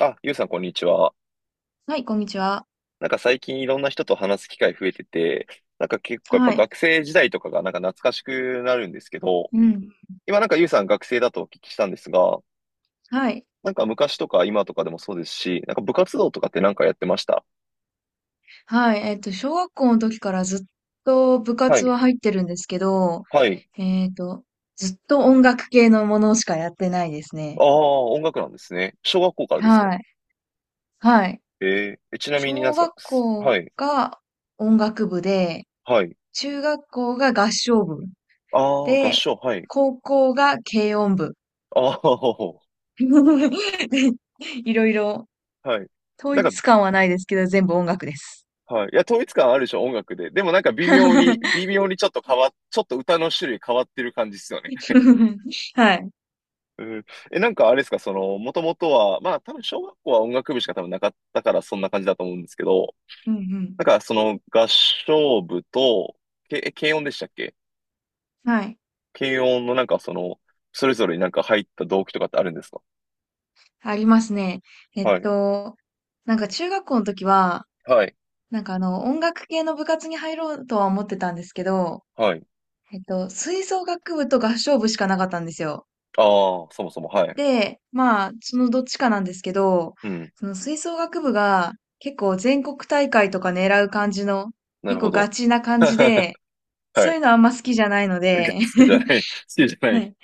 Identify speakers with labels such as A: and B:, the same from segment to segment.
A: あ、ゆうさん、こんにちは。
B: はい、こんにちは。
A: 最近いろんな人と話す機会増えてて、結構やっぱ
B: はい。
A: 学生時代とかが懐かしくなるんですけど、
B: うん。
A: 今ゆうさん学生だとお聞きしたんですが、
B: はい。
A: 昔とか今とかでもそうですし、部活動とかってやってました？
B: はい。小学校の時からずっと部
A: は
B: 活
A: い、
B: は入ってるんですけど、
A: はい。
B: えっと、ずっと音楽系のものしかやってないです
A: あ
B: ね。
A: あ、音楽なんですね。小学校からですか？
B: はい。はい。
A: えちなみになんで
B: 小
A: すか
B: 学校
A: はい、
B: が音楽部で、
A: はい。
B: 中学校が合唱部
A: ああ、合
B: で、
A: 唱、はい。
B: 高校が軽音部。
A: ああ、
B: でいろいろ、
A: はい。
B: 統
A: なん
B: 一
A: か
B: 感はないですけど、全部音楽です。
A: はい。いや、統一感あるでしょ、音楽で。でも微 妙に、微妙にちょっと変わっ、ちょっと歌の種類変わってる感じですよね。
B: はい。
A: うん。え、あれですか、その、もともとは、まあ多分小学校は音楽部しか多分なかったからそんな感じだと思うんですけど、
B: うんうん。
A: その合唱部と、軽音でしたっけ？
B: はい。
A: 軽音のそれぞれに入った動機とかってあるんですか？
B: ありますね。えっ
A: はい。
B: と、なんか中学校の時は、
A: はい。
B: なんかあの、音楽系の部活に入ろうとは思ってたんですけど、
A: はい。
B: 吹奏楽部と合唱部しかなかったんですよ。
A: ああ、そもそも、はい。
B: で、まあ、そのどっちかなんですけど、
A: うん。
B: その吹奏楽部が結構全国大会とか狙う感じの、
A: なる
B: 結
A: ほ
B: 構ガ
A: ど。
B: チな感じ で、
A: は
B: そう
A: い。
B: いうのあんま好きじゃないの
A: が
B: で、
A: 好きじゃな い。好きじゃな
B: は
A: い。
B: い。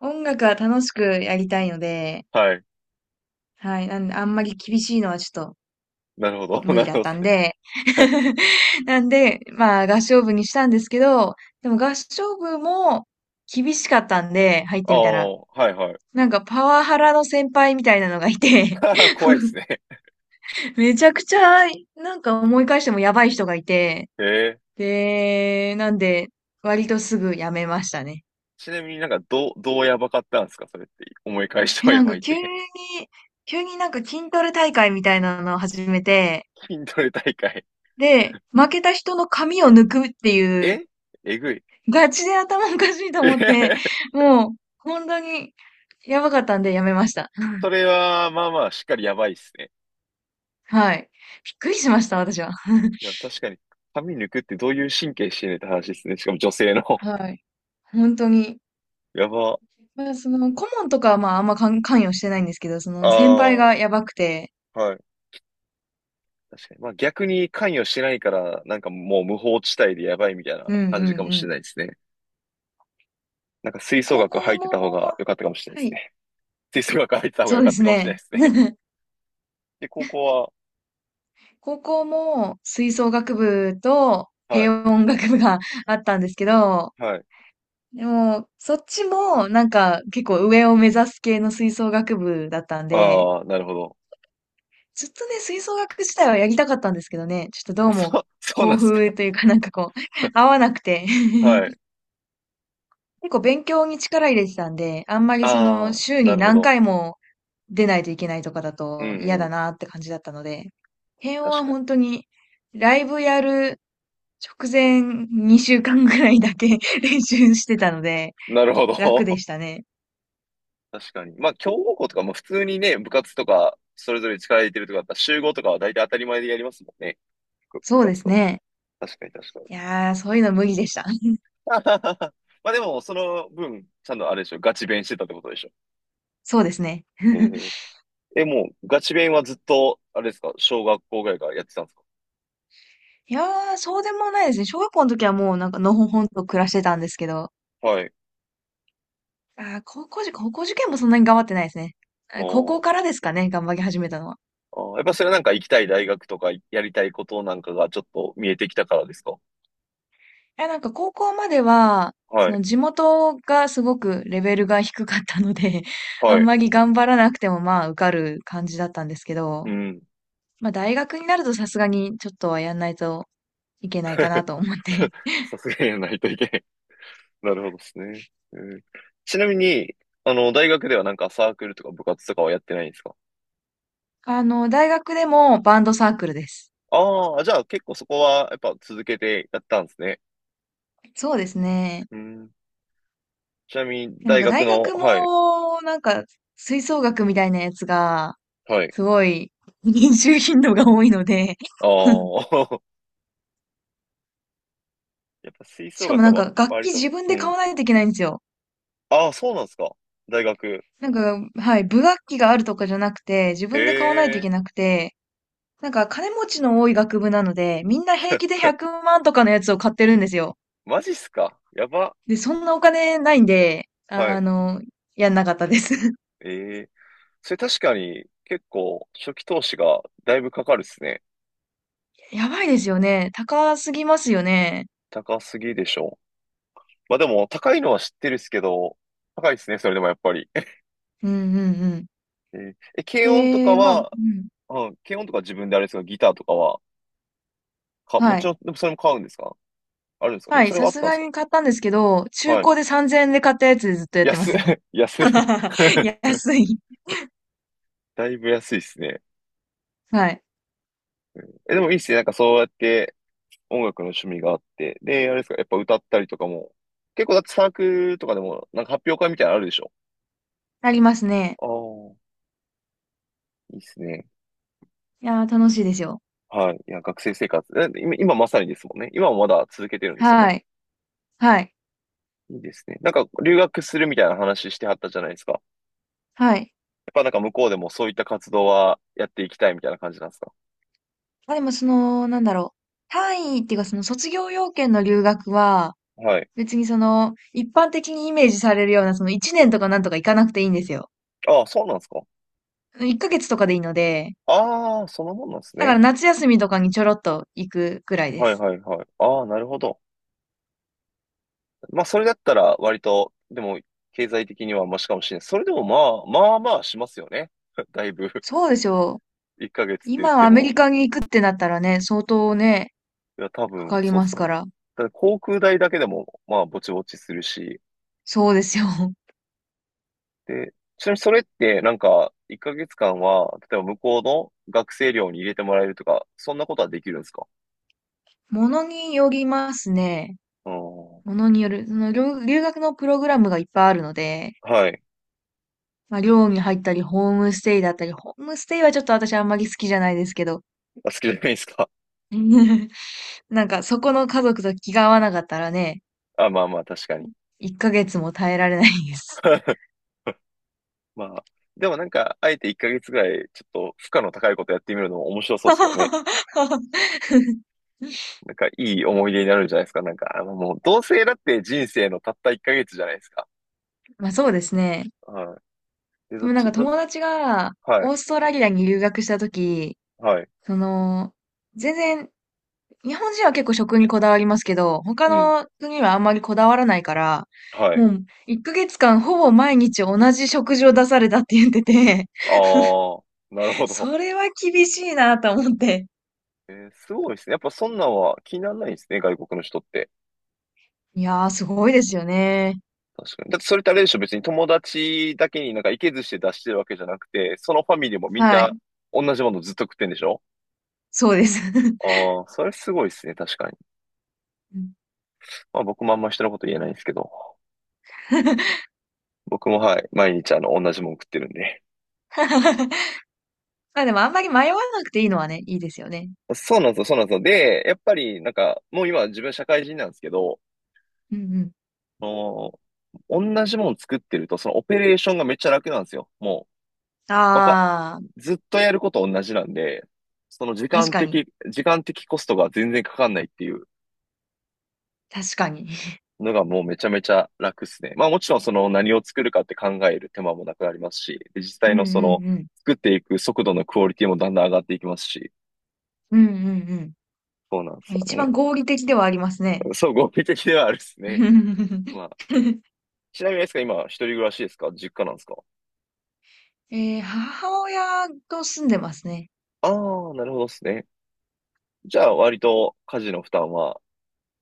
B: 音楽は楽しくやりたいので、
A: はい。
B: はい。なんで、あんまり厳しいのはちょっと
A: なるほど。
B: 無
A: な
B: 理
A: る
B: だ
A: ほ
B: っ
A: ど。
B: たんで。
A: はい。
B: なんで、まあ合唱部にしたんですけど、でも合唱部も厳しかったんで、入っ
A: あ
B: てみたら。
A: あ、はいはい。
B: なんかパワハラの先輩みたいなのがいて、
A: 怖いです ね。
B: めちゃくちゃ、なんか思い返してもやばい人がいて、
A: へえ。
B: で、なんで、割とすぐ辞めましたね。
A: ちなみに、どう、どうやばかったんですかそれって。思い返して
B: え、
A: もや
B: なん
A: ば
B: か
A: いっ
B: 急に、
A: て。
B: 急になんか筋トレ大会みたいなのを始めて、
A: 筋トレ大会。
B: で、負けた人の髪を抜くっていう
A: え、えぐい。
B: ガチで頭おかしいと
A: えへ
B: 思って、
A: へ。
B: もう、本当に、やばかったんでやめました。
A: それは、まあまあ、しっかりやばいっすね。
B: はい。びっくりしました、私は。
A: いや、確かに、髪抜くってどういう神経してんねんって話ですね。しかも女性の。
B: はい。本当に。
A: やば。
B: まあ、その、顧問とかはまあ、あんま関与してないんですけど、そ
A: あ
B: の、先輩
A: あ、
B: がやばくて、
A: はい。確かに。まあ逆に関与してないから、もう無法地帯でやばいみたいな
B: うんう
A: 感じか
B: ん
A: も
B: う
A: しれ
B: ん。
A: ないですね。吹
B: で、
A: 奏
B: 高
A: 楽
B: 校
A: 入って
B: も、
A: た方が良かったかもしれない
B: は
A: です
B: い。
A: ね。吹奏楽入ってた方が
B: そう
A: 良
B: で
A: かっ
B: す
A: たかもしれな
B: ね。
A: いですね。で、高校は、
B: 高校も、吹奏楽部と、
A: はい、
B: 軽音楽部が あったんですけど、
A: はい。
B: でも、そっちも、なんか、結構上を目指す系の吹奏楽部だったんで、
A: ああ、なるほど。
B: ずっとね、吹奏楽自体はやりたかったんですけどね、ちょっとど
A: あ
B: う
A: そ
B: も、
A: う、そうな
B: 抱
A: んですか。
B: 負というかなんかこう、合わなくて。
A: は い。
B: 結構勉強に力入れてたんで、あんまりそ
A: あ
B: の、
A: あ、
B: 週
A: な
B: に
A: るほ
B: 何
A: ど。
B: 回も出ないといけないとかだ
A: う
B: と嫌
A: んう
B: だ
A: ん。
B: なって感じだったので、辺
A: 確
B: は
A: か
B: 本当に、ライブやる直前2週間ぐらいだけ 練習してたので、
A: に。なるほ
B: 楽で
A: ど。
B: したね。
A: 確かに。まあ、強豪校とかも普通にね、部活とか、それぞれ力入れてるとかだったら、集合とかは大体当たり前でやりますもんね。部
B: そうで
A: 活
B: す
A: と。
B: ね。
A: 確かに確かに。
B: いやー、そういうの無理でした。
A: まあでも、その分、ちゃんとあれでしょ、ガチ勉してたってことでしょ。
B: そうですね。
A: え、え、もう、ガチ勉はずっと、あれですか、小学校ぐらいからやってたんですか？
B: いやー、そうでもないですね。小学校の時はもうなんかのほほんと暮らしてたんですけど、
A: はい。
B: 高校受験もそんなに頑張ってないですね。
A: あ
B: あ、高校
A: あ。
B: からですかね、頑張り始めたのは。
A: ああ、やっぱそれは行きたい大学とかやりたいことがちょっと見えてきたからですか？
B: いや、なんか高校までは、
A: は
B: そ
A: い。
B: の地元がすごくレベルが低かったので、あ
A: は
B: ん
A: い。
B: まり頑張らなくてもまあ受かる感じだったんですけ
A: う
B: ど、
A: ん。
B: まあ大学になるとさすがにちょっとはやんないといけないかなと思って。
A: さすがにやらないといけない。なるほどですね。うん。ちなみに、あの、大学ではサークルとか部活とかはやってないんですか？
B: あの、大学でもバンドサークルです。
A: ああ、じゃあ結構そこはやっぱ続けてやったんですね。
B: そうですね。
A: うん。ちなみに
B: で、なん
A: 大
B: か
A: 学
B: 大
A: の、
B: 学
A: はい。
B: も、なんか、吹奏楽みたいなやつが、
A: はい。
B: すごい、練習頻度が多いので。
A: あ あ、やっぱ吹
B: し
A: 奏
B: かも
A: 楽
B: なん
A: は
B: か、楽
A: 割
B: 器
A: と、
B: 自分
A: う
B: で買
A: ん。
B: わないといけないんですよ。
A: ああ、そうなんですか。大学。
B: なんか、はい、部楽器があるとかじゃなくて、自分で買わないとい
A: へ
B: け
A: え。
B: なくて、なんか、金持ちの多い学部なので、みんな平気で100万とかのやつを買ってるんですよ。
A: マジっすか。やば。
B: で、そんなお金ないんで、
A: は
B: あ
A: い。
B: の、やんなかったです。
A: ええ、それ確かに結構初期投資がだいぶかかるですね。
B: やばいですよね。高すぎますよね。
A: 高すぎでしょ。まあでも高いのは知ってるっすけど、高いですね、それでもやっぱり。
B: うんうん。
A: えーえ、軽音とか
B: で、まあ、う
A: は、
B: ん。
A: うん、軽音とか自分であれですか、ギターとかは、か、も
B: は
A: ち
B: い。
A: ろん、でもそれも買うんですか？あるんですか？で
B: は
A: も
B: い。
A: それ
B: さ
A: はあっ
B: す
A: たんで
B: が
A: すか？
B: に買ったんですけど、中
A: はい。
B: 古で3000円で買ったやつでずっとやってま
A: 安い、
B: すよ。
A: 安い。
B: 安い。
A: だいぶ安いですね。
B: はい。
A: え、でもいいっすね。そうやって音楽の趣味があって。で、あれですか、やっぱ歌ったりとかも。結構だってサークルとかでも、発表会みたいなのあるでしょ？
B: ありますね。
A: ああー、いいっすね。
B: いやー、楽しいですよ。
A: はい。いや、学生生活。え、今今まさにですもんね。今もまだ続けてるんですよ
B: は
A: ね。
B: い。はい。
A: いいですね。留学するみたいな話してはったじゃないですか。やっ
B: はい。
A: ぱ向こうでもそういった活動はやっていきたいみたいな感じなんですか？
B: まあでも、その、なんだろう。単位っていうか、その卒業要件の留学は、
A: はい。
B: 別にその、一般的にイメージされるような、その1年とかなんとか行かなくていいんですよ。
A: ああ、そうなんですか？
B: 1ヶ月とかでいいので、
A: ああそのもんなんです
B: だから
A: ね。
B: 夏休みとかにちょろっと行くくらいで
A: はい
B: す。
A: はいはい。ああ、なるほど。まあ、それだったら割と、でも、経済的にはマシかもしれない。それでもまあ、まあまあしますよね。だいぶ。
B: そうでしょう。
A: 1ヶ月って言っ
B: 今
A: て
B: アメ
A: も。
B: リカに行くってなったらね、相当ね、
A: いや、多
B: か
A: 分、
B: かり
A: そう
B: ます
A: そ
B: か
A: う。
B: ら。
A: ただ航空代だけでも、まあ、ぼちぼちするし、
B: そうですよ。
A: で、ちなみにそれって1ヶ月間は、例えば向こうの学生寮に入れてもらえるとか、そんなことはできるんですか？
B: ものによりますね。
A: う
B: も
A: ん。
B: のによる。その留学のプログラムがいっぱいあるので、
A: はい。
B: まあ、寮に入ったり、ホームステイだったり、ホームステイはちょっと私あんまり好きじゃないですけど、
A: あ、好きじゃないですか。
B: なんかそこの家族と気が合わなかったらね、
A: あ、まあまあ確かに。
B: 1ヶ月も耐えられないです。
A: まあ。でも、あえて1ヶ月ぐらい、ちょっと負荷の高いことやってみるのも面白そうですけどね。いい思い出になるんじゃないですか。あのもう、同性だって人生のたった1ヶ月じゃないですか。
B: まあそうですね。
A: はい。で、ど
B: で
A: っ
B: もなん
A: ち、
B: か
A: ど、
B: 友達が
A: はい、
B: オーストラリアに留学したとき、
A: はい、
B: その、全然、日本人は結構食にこだわりますけど、他
A: うん、
B: の国はあんまりこだわらないから、
A: はい。
B: もう1ヶ月間ほぼ毎日同じ食事を出されたって言ってて、
A: ああ、なるほ ど。
B: それは厳しいなと思って。
A: えーすごいですね。やっぱそんなんは気にならないんですね、外国の人って。
B: いやー、すごいですよね。
A: 確かに。だってそれってあれでしょ、別に友達だけにいけずして出してるわけじゃなくて、そのファミリーもみん
B: は
A: な
B: い。
A: 同じものずっと食ってんでしょ？
B: そうです。
A: ああ、それすごいですね、確かに。
B: うん。
A: まあ僕もあんま人のこと言えないんですけど、僕もはい、毎日あの同じもの食ってるんで。
B: まあでもあんまり迷わなくていいのはね、いいですよね。
A: そうなんですよ、そうなんですよ。で、やっぱり、もう今自分社会人なんですけど、
B: うんうん。
A: あの同じもの作ってると、そのオペレーションがめっちゃ楽なんですよ。もう、わか、
B: ああ、
A: ずっとやること同じなんで、その
B: 確かに。
A: 時間的コストが全然かかんないっていう
B: 確かに。
A: のがもうめちゃめちゃ楽っすね。まあもちろんその何を作るかって考える手間もなくなりますし、で実
B: う
A: 際
B: ん
A: の
B: う
A: その
B: んうん。
A: 作っていく速度のクオリティもだんだん上がっていきますし、
B: うんうん
A: そうなんです
B: うん。
A: よ
B: 一
A: ね。
B: 番合理的ではありますね。
A: そう、合理的ではあるっすね。まあ、ちなみにですか、今一人暮らしですか実家なんですか？
B: ええ、母親と住んでますね。
A: ああー、なるほどっすね。じゃあ割と家事の負担は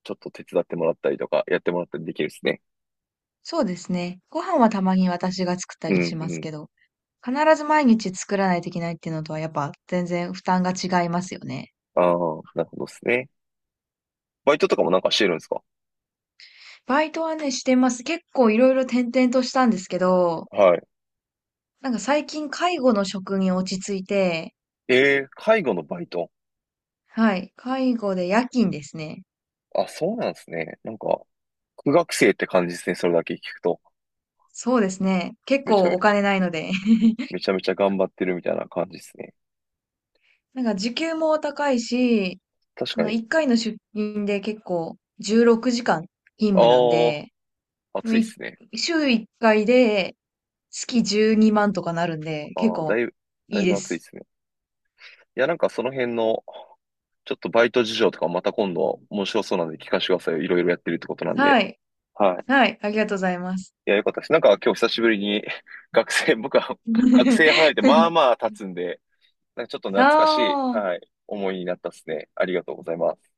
A: ちょっと手伝ってもらったりとか、やってもらったりできるっすね。
B: そうですね。ご飯はたまに私が作った
A: う
B: り
A: ん
B: し
A: う
B: ます
A: ん。
B: けど、必ず毎日作らないといけないっていうのとはやっぱ全然負担が違いますよね。
A: ああ、なるほどっすね。バイトとかもしてるんですか？
B: バイトはね、してます。結構いろいろ転々としたんですけど、
A: はい。
B: なんか最近介護の職に落ち着いて、
A: えー、介護のバイト。
B: はい。介護で夜勤ですね。
A: あ、そうなんですね。苦学生って感じですね。それだけ聞くと。
B: そうですね。結
A: めち
B: 構
A: ゃめ
B: お
A: ち
B: 金
A: ゃ、
B: ないので。
A: めちゃめちゃ頑張ってるみたいな感じですね。
B: なんか時給も高いし、
A: 確
B: そ
A: か
B: の
A: に。
B: 1回の出勤で結構16時間勤務なん
A: あ
B: で、
A: あ、
B: もう
A: 暑いっ
B: い
A: すね。
B: 週1回で月12万とかなるんで、結
A: ああ、だ
B: 構
A: いぶ、だ
B: いい
A: いぶ
B: で
A: 暑いっ
B: す。
A: すね。いや、その辺の、ちょっとバイト事情とかまた今度面白そうなんで聞かせてくださいよ。いろいろやってるってことなんで。
B: はい。
A: はい。
B: はい。ありがとうございます。
A: いや、よかったです。今日久しぶりに 学生、僕は 学生離れてまあ まあ経つんで、ちょっと懐
B: あ
A: かしい、
B: あ。
A: はい、思いになったですね。ありがとうございます。